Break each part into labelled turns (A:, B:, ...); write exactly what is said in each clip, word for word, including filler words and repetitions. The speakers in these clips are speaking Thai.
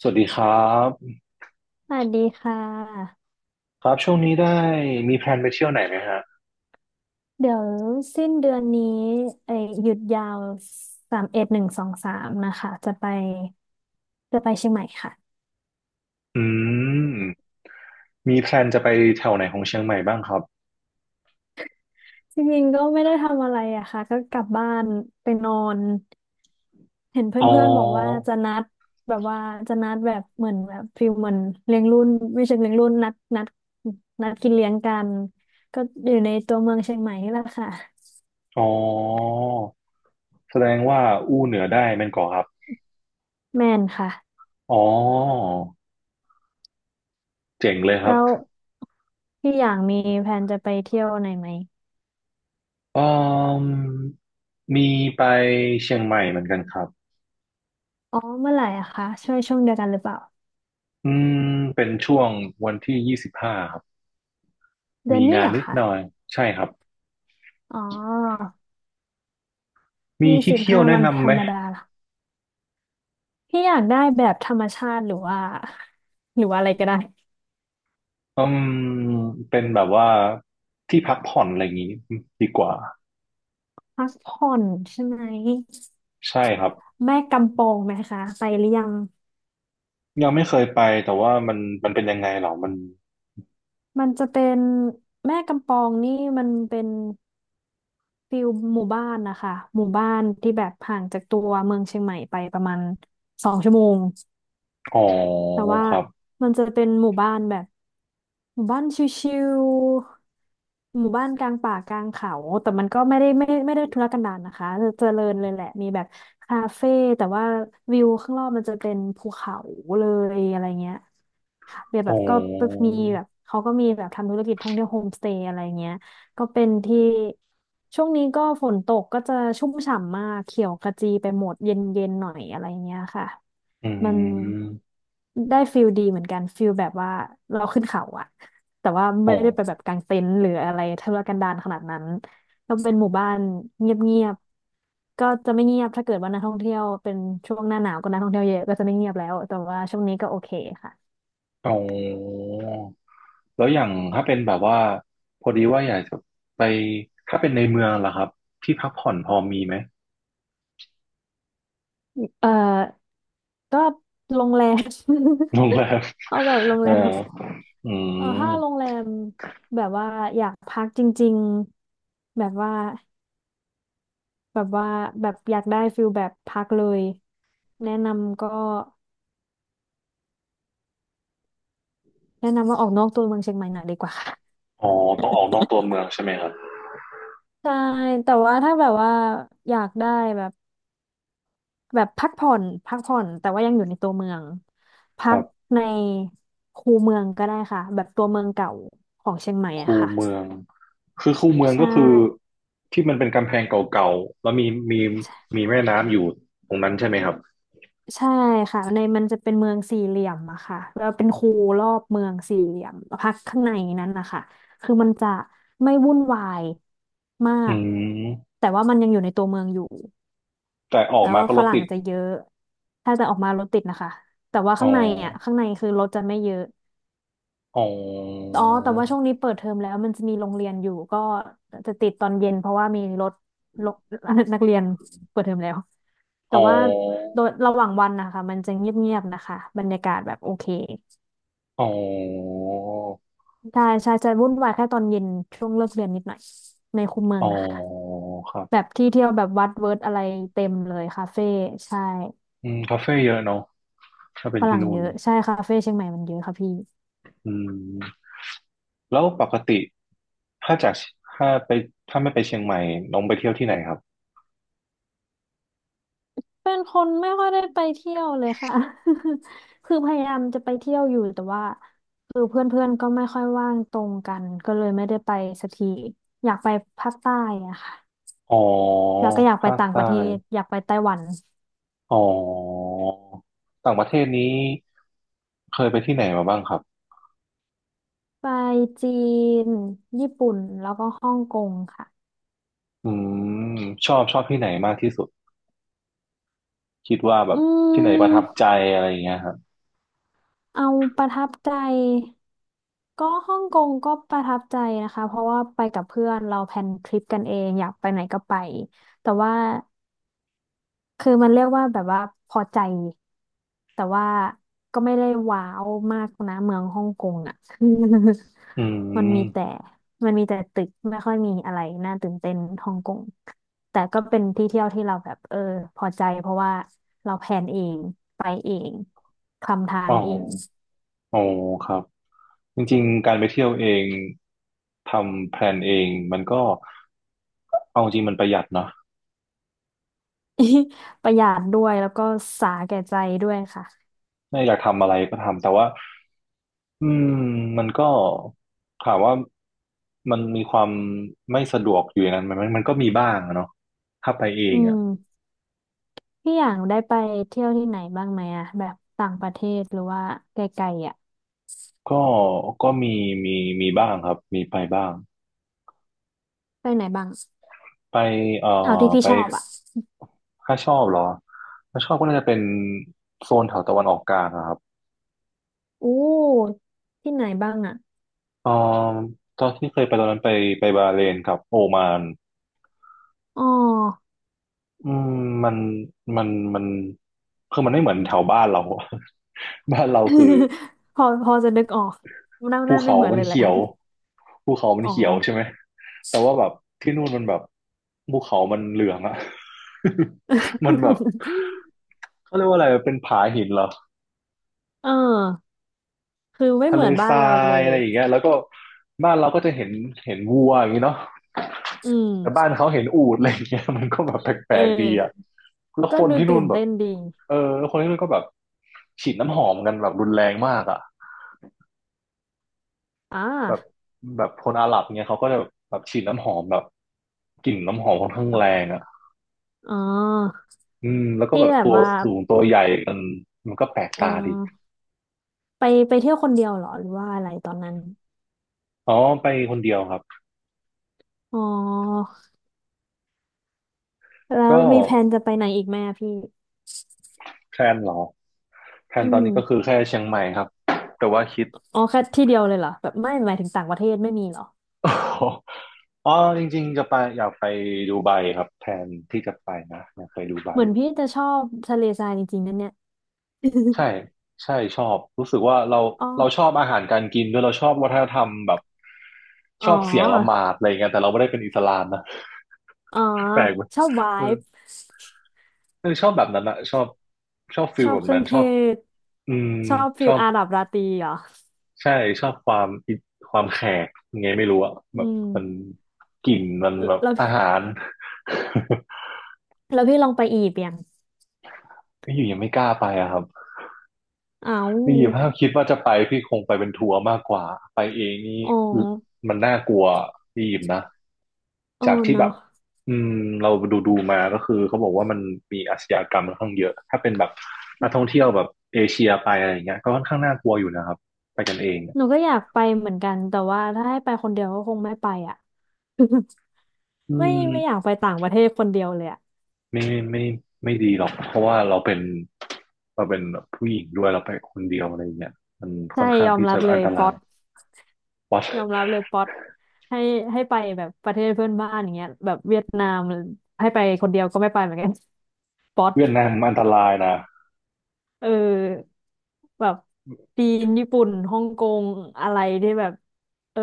A: สวัสดีครับ
B: สวัสดีค่ะ
A: ครับช่วงนี้ได้มีแพลนไปเที่ยวไหนไหมฮะ
B: เดี๋ยวสิ้นเดือนนี้เอ้ยหยุดยาวสามสิบเอ็ดหนึ่งสองสามนะคะจะไปจะไปเชียงใหม่ค่ะ
A: อืมมีแพลนจะไปแถวไหนของเชียงใหม่บ้างครับ
B: จริงๆก็ไม่ได้ทำอะไรอะค่ะก็กลับบ้านไปนอนเห็นเพ
A: อ๋อ
B: ื่อนๆบอกว่าจะนัดแบบว่าจะนัดแบบเหมือนแบบฟิลเหมือนเลี้ยงรุ่นไม่ใช่เลี้ยงรุ่นนัดนัดนัดกินเลี้ยงกันก็อยู่ในตัวเมืองเชียงใหม่นี่แหละค่ะ
A: อ๋อแสดงว่าอู้เหนือได้แม่นก่อครับ
B: แม่นค่ะ
A: อ๋อเจ๋งเลยครับ
B: แล้วพี่อย่างมีแผนจะไปเที่ยวไหนไหม
A: อืมมีไปเชียงใหม่เหมือนกันครับ
B: อ๋อเมื่อไหร่อะคะช่วยช่วงเดียวกันหรือเปล่า
A: อืมเป็นช่วงวันที่ยี่สิบห้าครับ
B: เดือ
A: มี
B: นนี้
A: งา
B: เห
A: น
B: รอะ
A: นิด
B: คะ
A: หน่อยใช่ครับ
B: อ๋อ
A: มี
B: ยี่
A: ที่
B: สิบ
A: เที่ยว
B: ห้า
A: แนะ
B: วันธ
A: นำ
B: ร
A: ไหม
B: รมดาเหรอพี่อยากได้แบบธรรมชาติหรือว่าหรือว่าอะไรก็ได้
A: อืมเป็นแบบว่าที่พักผ่อนอะไรอย่างนี้ดีกว่า
B: พักผ่อนใช่ไหม
A: ใช่ครับ
B: แม่กำปองไหมคะไปหรือยัง
A: ยังไม่เคยไปแต่ว่ามันมันเป็นยังไงเหรอมัน
B: มันจะเป็นแม่กำปองนี่มันเป็นฟิลหมู่บ้านนะคะหมู่บ้านที่แบบห่างจากตัวเมืองเชียงใหม่ไปประมาณสองชั่วโมง
A: อ๋อ
B: แต่ว่า
A: ครับ
B: มันจะเป็นหมู่บ้านแบบหมู่บ้านชิวๆ หมู่บ้านกลางป่ากลางเขา แต่มันก็ไม่ได้ไม่ไม่ได้ทุรกันดารนะคะจะเจริญเลยแหละมีแบบคาเฟ่แต่ว่าวิวข้างนอกมันจะเป็นภูเขาเลยอะไรเงี้ยเบีย
A: อ๋
B: แบ
A: อ
B: บก็มีแบบเขาก็มีแบบทำธุรกิจท่องเที่ยวโฮมสเตย์อะไรเงี้ยก็เป็นที่ช่วงนี้ก็ฝนตกก็จะชุ่มฉ่ำมากเขียวขจีไปหมดเย็นๆหน่อยอะไรเงี้ยค่ะ
A: อื
B: มัน
A: ม
B: ได้ฟิลดีเหมือนกันฟิลแบบว่าเราขึ้นเขาอะแต่ว่า
A: อ๋
B: ไม่ได้ไปแบ
A: อ
B: บกางเต็นท์หรืออะไรทุรกันดารขนาดนั้นก็เป็นหมู่บ้านเงียบๆก็จะไม่เงียบถ้าเกิดว่านักท่องเที่ยวเป็นช่วงหน้าหนาวก็นักท่องเที่ยวเยอะก็จะไม่เงียบแล้วแต่ว่าช่วงนี้ก็โอเคค่ะ
A: อ๋อแล้วอย่างถ้าเป็นแบบว่าพอดีว่าอยากจะไปถ้าเป็นในเมืองล่ะครับที่พักผ่อนพอมีไหม
B: เอ่อก็โรงแรม
A: โรงแรม
B: เอาแบบโรง
A: เอ
B: แร
A: อ
B: ม
A: อื
B: เออ
A: ม
B: ถ้าโรงแรมแบบว่าอยากพักจริงๆแบบว่า แบบว่าแบบอยากได้ฟิลแบบพักเลยแนะนำก็แนะนำว่าออกนอกตัวเมืองเชียงใหม่หน่อยดีกว่า ค่ะ
A: อ๋อต้องออกนอกตัวเมืองใช่ไหมครับ
B: ใช่แต่ว่าถ้าแบบว่าอยากได้แบบแบบพักผ่อนพักผ่อนแต่ว่ายังอยู่ในตัวเมือง
A: ค
B: พั
A: รั
B: ก
A: บ
B: ในคูเมืองก็ได้ค่ะแบบตัวเมืองเก่าของเชียงใหม่อะ
A: คู
B: ค่ะ
A: เมืองคือคูเมือง
B: ใช่
A: ก็คือที่มันเป็นกำแพงเก่าๆแล้วมีมีมีแม่น้ำอยู่ตรงนั้นใช่ไหมครับ
B: ใช่ค่ะในมันจะเป็นเมืองสี่เหลี่ยมอะค่ะแล้วเป็นคูรอบเมืองสี่เหลี่ยมลพักข้างในนั้นนะคะคือมันจะไม่วุ่นวายมา
A: อื
B: ก
A: ม
B: แต่ว่ามันยังอยู่ในตัวเมืองอยู่
A: แต่ออก
B: แล้ว
A: มา
B: ก็
A: ก็
B: ฝ
A: รถ
B: รั่ง
A: ติด
B: จะเยอะถ้าจะออกมารถติดนะคะแต่ว่า
A: อ๋อ
B: ข้างในอะข้างในคือรถจะไม่เยอะ
A: อ๋อ
B: อ๋อแต่ว่าช่วงนี้เปิดเทอมแล้วมันจะมีโรงเรียนอยู่ก็จะติดตอนเย็นเพราะว่ามีรถรถ นักเรียนเปิดเทอมแล้ว แต่
A: อ๋อ
B: ว่าโดยระหว่างวันนะคะมันจะเงียบๆนะคะบรรยากาศแบบโอเค
A: อ๋อ
B: ใช่ใช่จะวุ่นวายแค่ตอนเย็นช่วงเลิกเรียนนิดหน่อยในคูเมือ
A: อ๋
B: ง
A: อ
B: นะคะ
A: ครั
B: แบ
A: บ
B: บที่เที่ยวแบบวัดเวิร์ดอะไรเต็มเลยคาเฟ่ใช่
A: อืมคาเฟ่เยอะเนาะถ้าเป็
B: ฝ
A: นที่
B: รั่ง
A: นู่
B: เย
A: น
B: อะใช่คาเฟ่เชียงใหม่มันเยอะค่ะพี่
A: อืมแล้วปกติถ้าจากถ้าไปถ้าไม่ไปเชียงใหม่น้องไปเที่ยวที่ไหนครับ
B: เป็นคนไม่ค่อยได้ไปเที่ยวเลยค่ะ คือพยายามจะไปเที่ยวอยู่แต่ว่าคือเพื่อนๆก็ไม่ค่อยว่างตรงกันก็เลยไม่ได้ไปสักทีอยากไปภาคใต้อะค่ะ
A: อ๋อ
B: แล้วก็อยากไป
A: ภาค
B: ต่างป
A: ใต้
B: ระเทศอยากไปไต้หวัน
A: อ๋อต่างประเทศนี้เคยไปที่ไหนมาบ้างครับ
B: ไปจีน ญี่ปุ่น แล้วก็ฮ่องกงค่ะ
A: อืมชอบชอบที่ไหนมากที่สุดคิดว่าแบบ
B: อื
A: ที่ไหนประทับใจ
B: ม
A: อะไรอย่างเงี้ยครับ
B: เอาประทับใจ ก็ฮ่องกงก็ประทับใจนะคะ เพราะว่าไปกับเพื่อนเราแพลนทริปกันเองอยากไปไหนก็ไป แต่ว่า คือมันเรียกว่าแบบว่าพอใจแต่ว่าก็ไม่ได้ว้าวมากนะเมืองฮ่องกงอ่ะ
A: อื
B: มันมีแต่
A: ม
B: มันมีแต่ตึกไม่ค่อยมีอะไรน่าตื่นเต้นฮ่องกงแต่ก็เป็นที่เที่ยวที่เราแบบเออพอใจเพราะว่าเราแพลนเองไปเองคลำทา
A: อ๋
B: ง
A: อ
B: เอง
A: อ๋อครับจริงๆการไปเที่ยวเองทำแพลนเองมันก็เอาจริงมันประหยัดเนาะ
B: ประหยัดด้วยแล้วก็สาแก่ใจด้วยค่ะ
A: ถ้าอยากทำอะไรก็ทำแต่ว่าอืมมันก็ถามว่ามันมีความไม่สะดวกอยู่ในนั้นไหมมันมันก็มีบ้างอะเนาะถ้าไปเอ
B: อื
A: งอะ
B: มพี่อย่างได้ไปเที่ยวที่ไหนบ้างไหมอะแบบต่างประเทศหรือว่าไกลๆอ่ะ
A: ก็ก็มีมีมีบ้างครับ มีไปบ้าง
B: ไปไหนบ้าง
A: ไปเอ่อ
B: เอาที่พี่
A: ไป
B: ชอบอ่ะ
A: ถ้าชอบเหรอถ้าชอบก็น่าจะเป็นโซนแถวตะวันออกกลางนะครับ
B: อู้ที่ไหนบ้างอ่ะ
A: เอ่อตอนที่เคยไปตอนนั้นไปไปบาห์เรนกับโอมาน
B: อ๋อ
A: อืมมันมันมันคือมันไม่เหมือนแถวบ้านเราอะ บ้านเราคือ
B: พอพอจะนึกออกหน้าห
A: ภู
B: น้าไม่
A: เขา
B: เหมือน
A: มั
B: เล
A: น
B: ยแหละ
A: เขียวภูเขามัน
B: อ๋อ
A: เขียวใช่ไหมแต่ว่าแบบที่นู่นมันแบบภูเขามันเหลืองอะ มันแบบ เขาเรียกว่าอะไรเป็นผาหินเหรอ
B: เออคือไม่
A: ทะ
B: เห
A: เล
B: มือนบ้า
A: ท
B: น
A: รา
B: เราเล
A: ยอะ
B: ย
A: ไรอย่างเงี้ยแล้วก็บ้านเราก็จะเห็นเห็นวัวอย่างงี้เนาะ
B: อื
A: แต่
B: ม
A: บ้านเขาเห็นอูฐอะไรอย่างเงี้ย มันก็แบบแป
B: เอ
A: ลกๆดีอะ
B: อ
A: แล้ว
B: ก็
A: คน
B: ดู
A: ที่นู่
B: ตื่
A: น
B: น
A: แบบ
B: เต้นดี
A: เออคนที่นู่นก็แบบฉีดน้ำหอมกันแบบรุนแรงมากอะ
B: อ่า
A: แบบแบบคนอาหรับเนี่ยเขาก็จะแบบฉีดน้ำหอมแบบกลิ่นน้ำหอมค่อนข้าง
B: ค่ะ
A: แรงอ่ะ
B: อ๋อ
A: อืมแล้วก็แบ
B: ที่
A: บ
B: แบ
A: ตั
B: บ
A: ว
B: ว่า
A: สูงตัวใหญ่กันมันก็แปลก
B: อื
A: ตา
B: ม
A: ดี
B: ไปไปเที่ยวคนเดียวเหรอหรือว่าอะไรตอนนั้น
A: อ๋อไปคนเดียวครับ
B: อ๋อแล้ว
A: ก็
B: มีแผนจะไปไหนอีกไหมอะพี่
A: แพลนเหรอแพล
B: อื
A: นตอน
B: ม
A: นี้ก็คือแค่เชียงใหม่ครับแต่ว่าคิด
B: อ๋อแค่ที่เดียวเลยเหรอแบบไม่หมายถึงต่างประเทศไม่มีเหรอ
A: อ๋อจริงๆจะไปอยากไปดูไบครับแพลนที่จะไปนะอยากไปดูไบ
B: เหมือนพี่จะชอบทะเลทรายจริงๆนั่นเนี่ย
A: ใช่ใช่ชอบรู้สึกว่าเรา
B: อ๋อ
A: เราชอบอาหารการกินด้วยเราชอบวัฒนธรรมแบบช
B: อ๋
A: อบเสียงละห
B: อ
A: มาดอะไรเงี้ยแต่เราไม่ได้เป็นอิสลามนะ
B: อ๋อ
A: แปลกไหม
B: ชอบไว
A: เออ
B: บ์
A: เออชอบแบบนั้นอะชอบชอบฟิ
B: ช
A: ล
B: อบ
A: แบบ
B: เครื่
A: นั้
B: อ
A: น
B: งเท
A: ชอบ
B: ศ
A: อืม
B: ชอบ
A: ช
B: ฟิล
A: อบ
B: อาหรับราตรีเหรอ
A: ใช่ชอบความอิความแขกยังไงไม่รู้อะแบ
B: อื
A: บ
B: ม
A: มันกลิ่นมันแบบ
B: แล้ว
A: อา
B: พี่
A: หาร
B: แล้วพี่ลองไปอียิปต์ยัง
A: ไม่อยู่ยังไม่กล้าไปอะครับ
B: อ้าว
A: นี่ถ้าคิดว่าจะไปพี่คงไปเป็นทัวร์มากกว่าไปเองนี่
B: อ๋อ
A: มันน่ากลัวพี่ยิมนะ
B: อ๋อ
A: จากที่แบ
B: เนาะ
A: บอืมเราดูดูมาก็คือเขาบอกว่ามันมีอาชญากรรมค่อนข้างเยอะถ้าเป็นแบบนักท่องเที่ยวแบบเอเชียไปอะไรอย่างเงี้ยก็ค่อนข้างน่ากลัวอยู่นะครับไปกันเองเนี่ย
B: หนูก็อยากไปเหมือนกัน แต่ว่าถ้าให้ไปคนเดียวก็คงไม่ไปอ่ะ
A: อื
B: ไม่
A: ม
B: ไม่อยากไปต่างประเทศคนเดียวเลยอ่ะ
A: ไม่ไม่ไม่ดีหรอกเพราะว่าเราเป็นเราเป็นผู้หญิงด้วยเราไปคนเดียวอะไรอย่างเงี้ยมันค่
B: ใช่
A: อนข้าง
B: ยอม
A: ที่
B: รั
A: จะ
B: บเล
A: อัน
B: ย
A: ต
B: ป๊
A: รา
B: อ
A: ย
B: ต
A: วัด
B: ยอมรับเลยป๊อตให้ให้ไปแบบประเทศเพื่อนบ้านอย่างเงี้ยแบบเวียดนามให้ไปคนเดียวก็ไม่ไปเหมือนกัน ป๊อต
A: เวียดนามอันตรายนะ
B: เออแบบจีนญี่ปุ่นฮ่องกงอะไรที่แบบเออ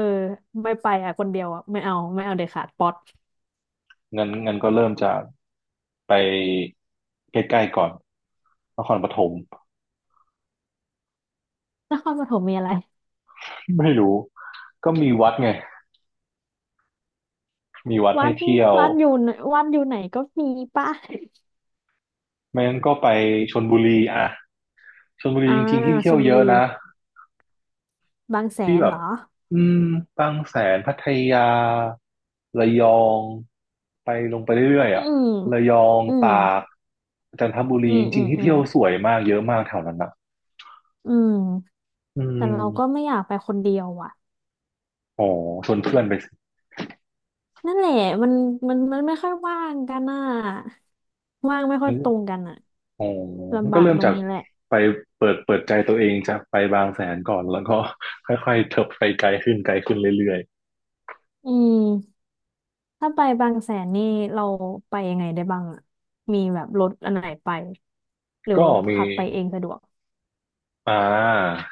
B: ไม่ไปอ่ะคนเดียวอ่ะไม่เอาไม่เอาเด็ดขาดป๊อต
A: เงินเงินก็เริ่มจากไปใกล้ๆก่อนนครปฐม
B: นครปฐมมีอะไร
A: ไม่รู้ก็มีวัดไงมีวัด
B: วั
A: ให้
B: ด
A: เที่ยว
B: วัดอยู่ไหนวัดอยู่ไหนก็มีป่ะ
A: ไม่งั้นก็ไปชลบุรีอ่ะชลบุ รี
B: อ่า
A: จริงๆที่
B: ช
A: เที่ยว
B: ลบุ
A: เยอะ
B: รี
A: นะ
B: บางแส
A: ที่
B: น
A: แบ
B: เหร
A: บ
B: อ
A: อืมบางแสนพัทยาระยองไปลงไปเรื่อยๆ
B: อื
A: อ่ะ
B: ม
A: ระยอง
B: อืม
A: ตากจันทบุ
B: อื
A: รี
B: ม
A: จ
B: อื
A: ริง
B: ม
A: ๆที่
B: อื
A: เที่
B: ม
A: ยวสวยมากเยอะมากแถวนั้นนะ
B: อืม
A: อื
B: แต่เราก็
A: ม
B: ไม่อยากไปคนเดียวอ่ะ
A: อ๋อชวนเพื่อนไปส
B: นั่นแหละมันมันมันไม่ค่อยว่างกันอ่ะว่างไม่ค่อยตรง
A: ิ
B: กันอ่ะ
A: อ๋อมัน
B: ลำ
A: ก็
B: บาก
A: เริ่ม
B: ตร
A: จา
B: ง
A: ก
B: นี้แหละ
A: ไปเปิดเปิดใจตัวเองจากไปบางแสนก่อนแล้วก็ ค่อยๆเถิบไปไกลขึ้นไกลขึ้นเรื่อย
B: อืมถ้าไปบางแสนนี่เราไปยังไงได้บ้างอ่ะมีแบบรถอันไหนไปหรื
A: ๆ
B: อ
A: ก็
B: ว่า
A: มี
B: ขับไปเองสะดวก
A: อ่า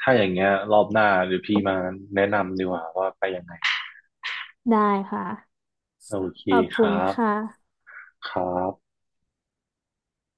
A: ถ้าอย่างเงี้ยรอบหน้าหรือพี่มาแนะนำดีกว่าว่าไปยังไง
B: ได้ค่ะ
A: โอเค
B: ขอบ
A: ค
B: คุณ
A: รับ
B: ค่ะ
A: ครับ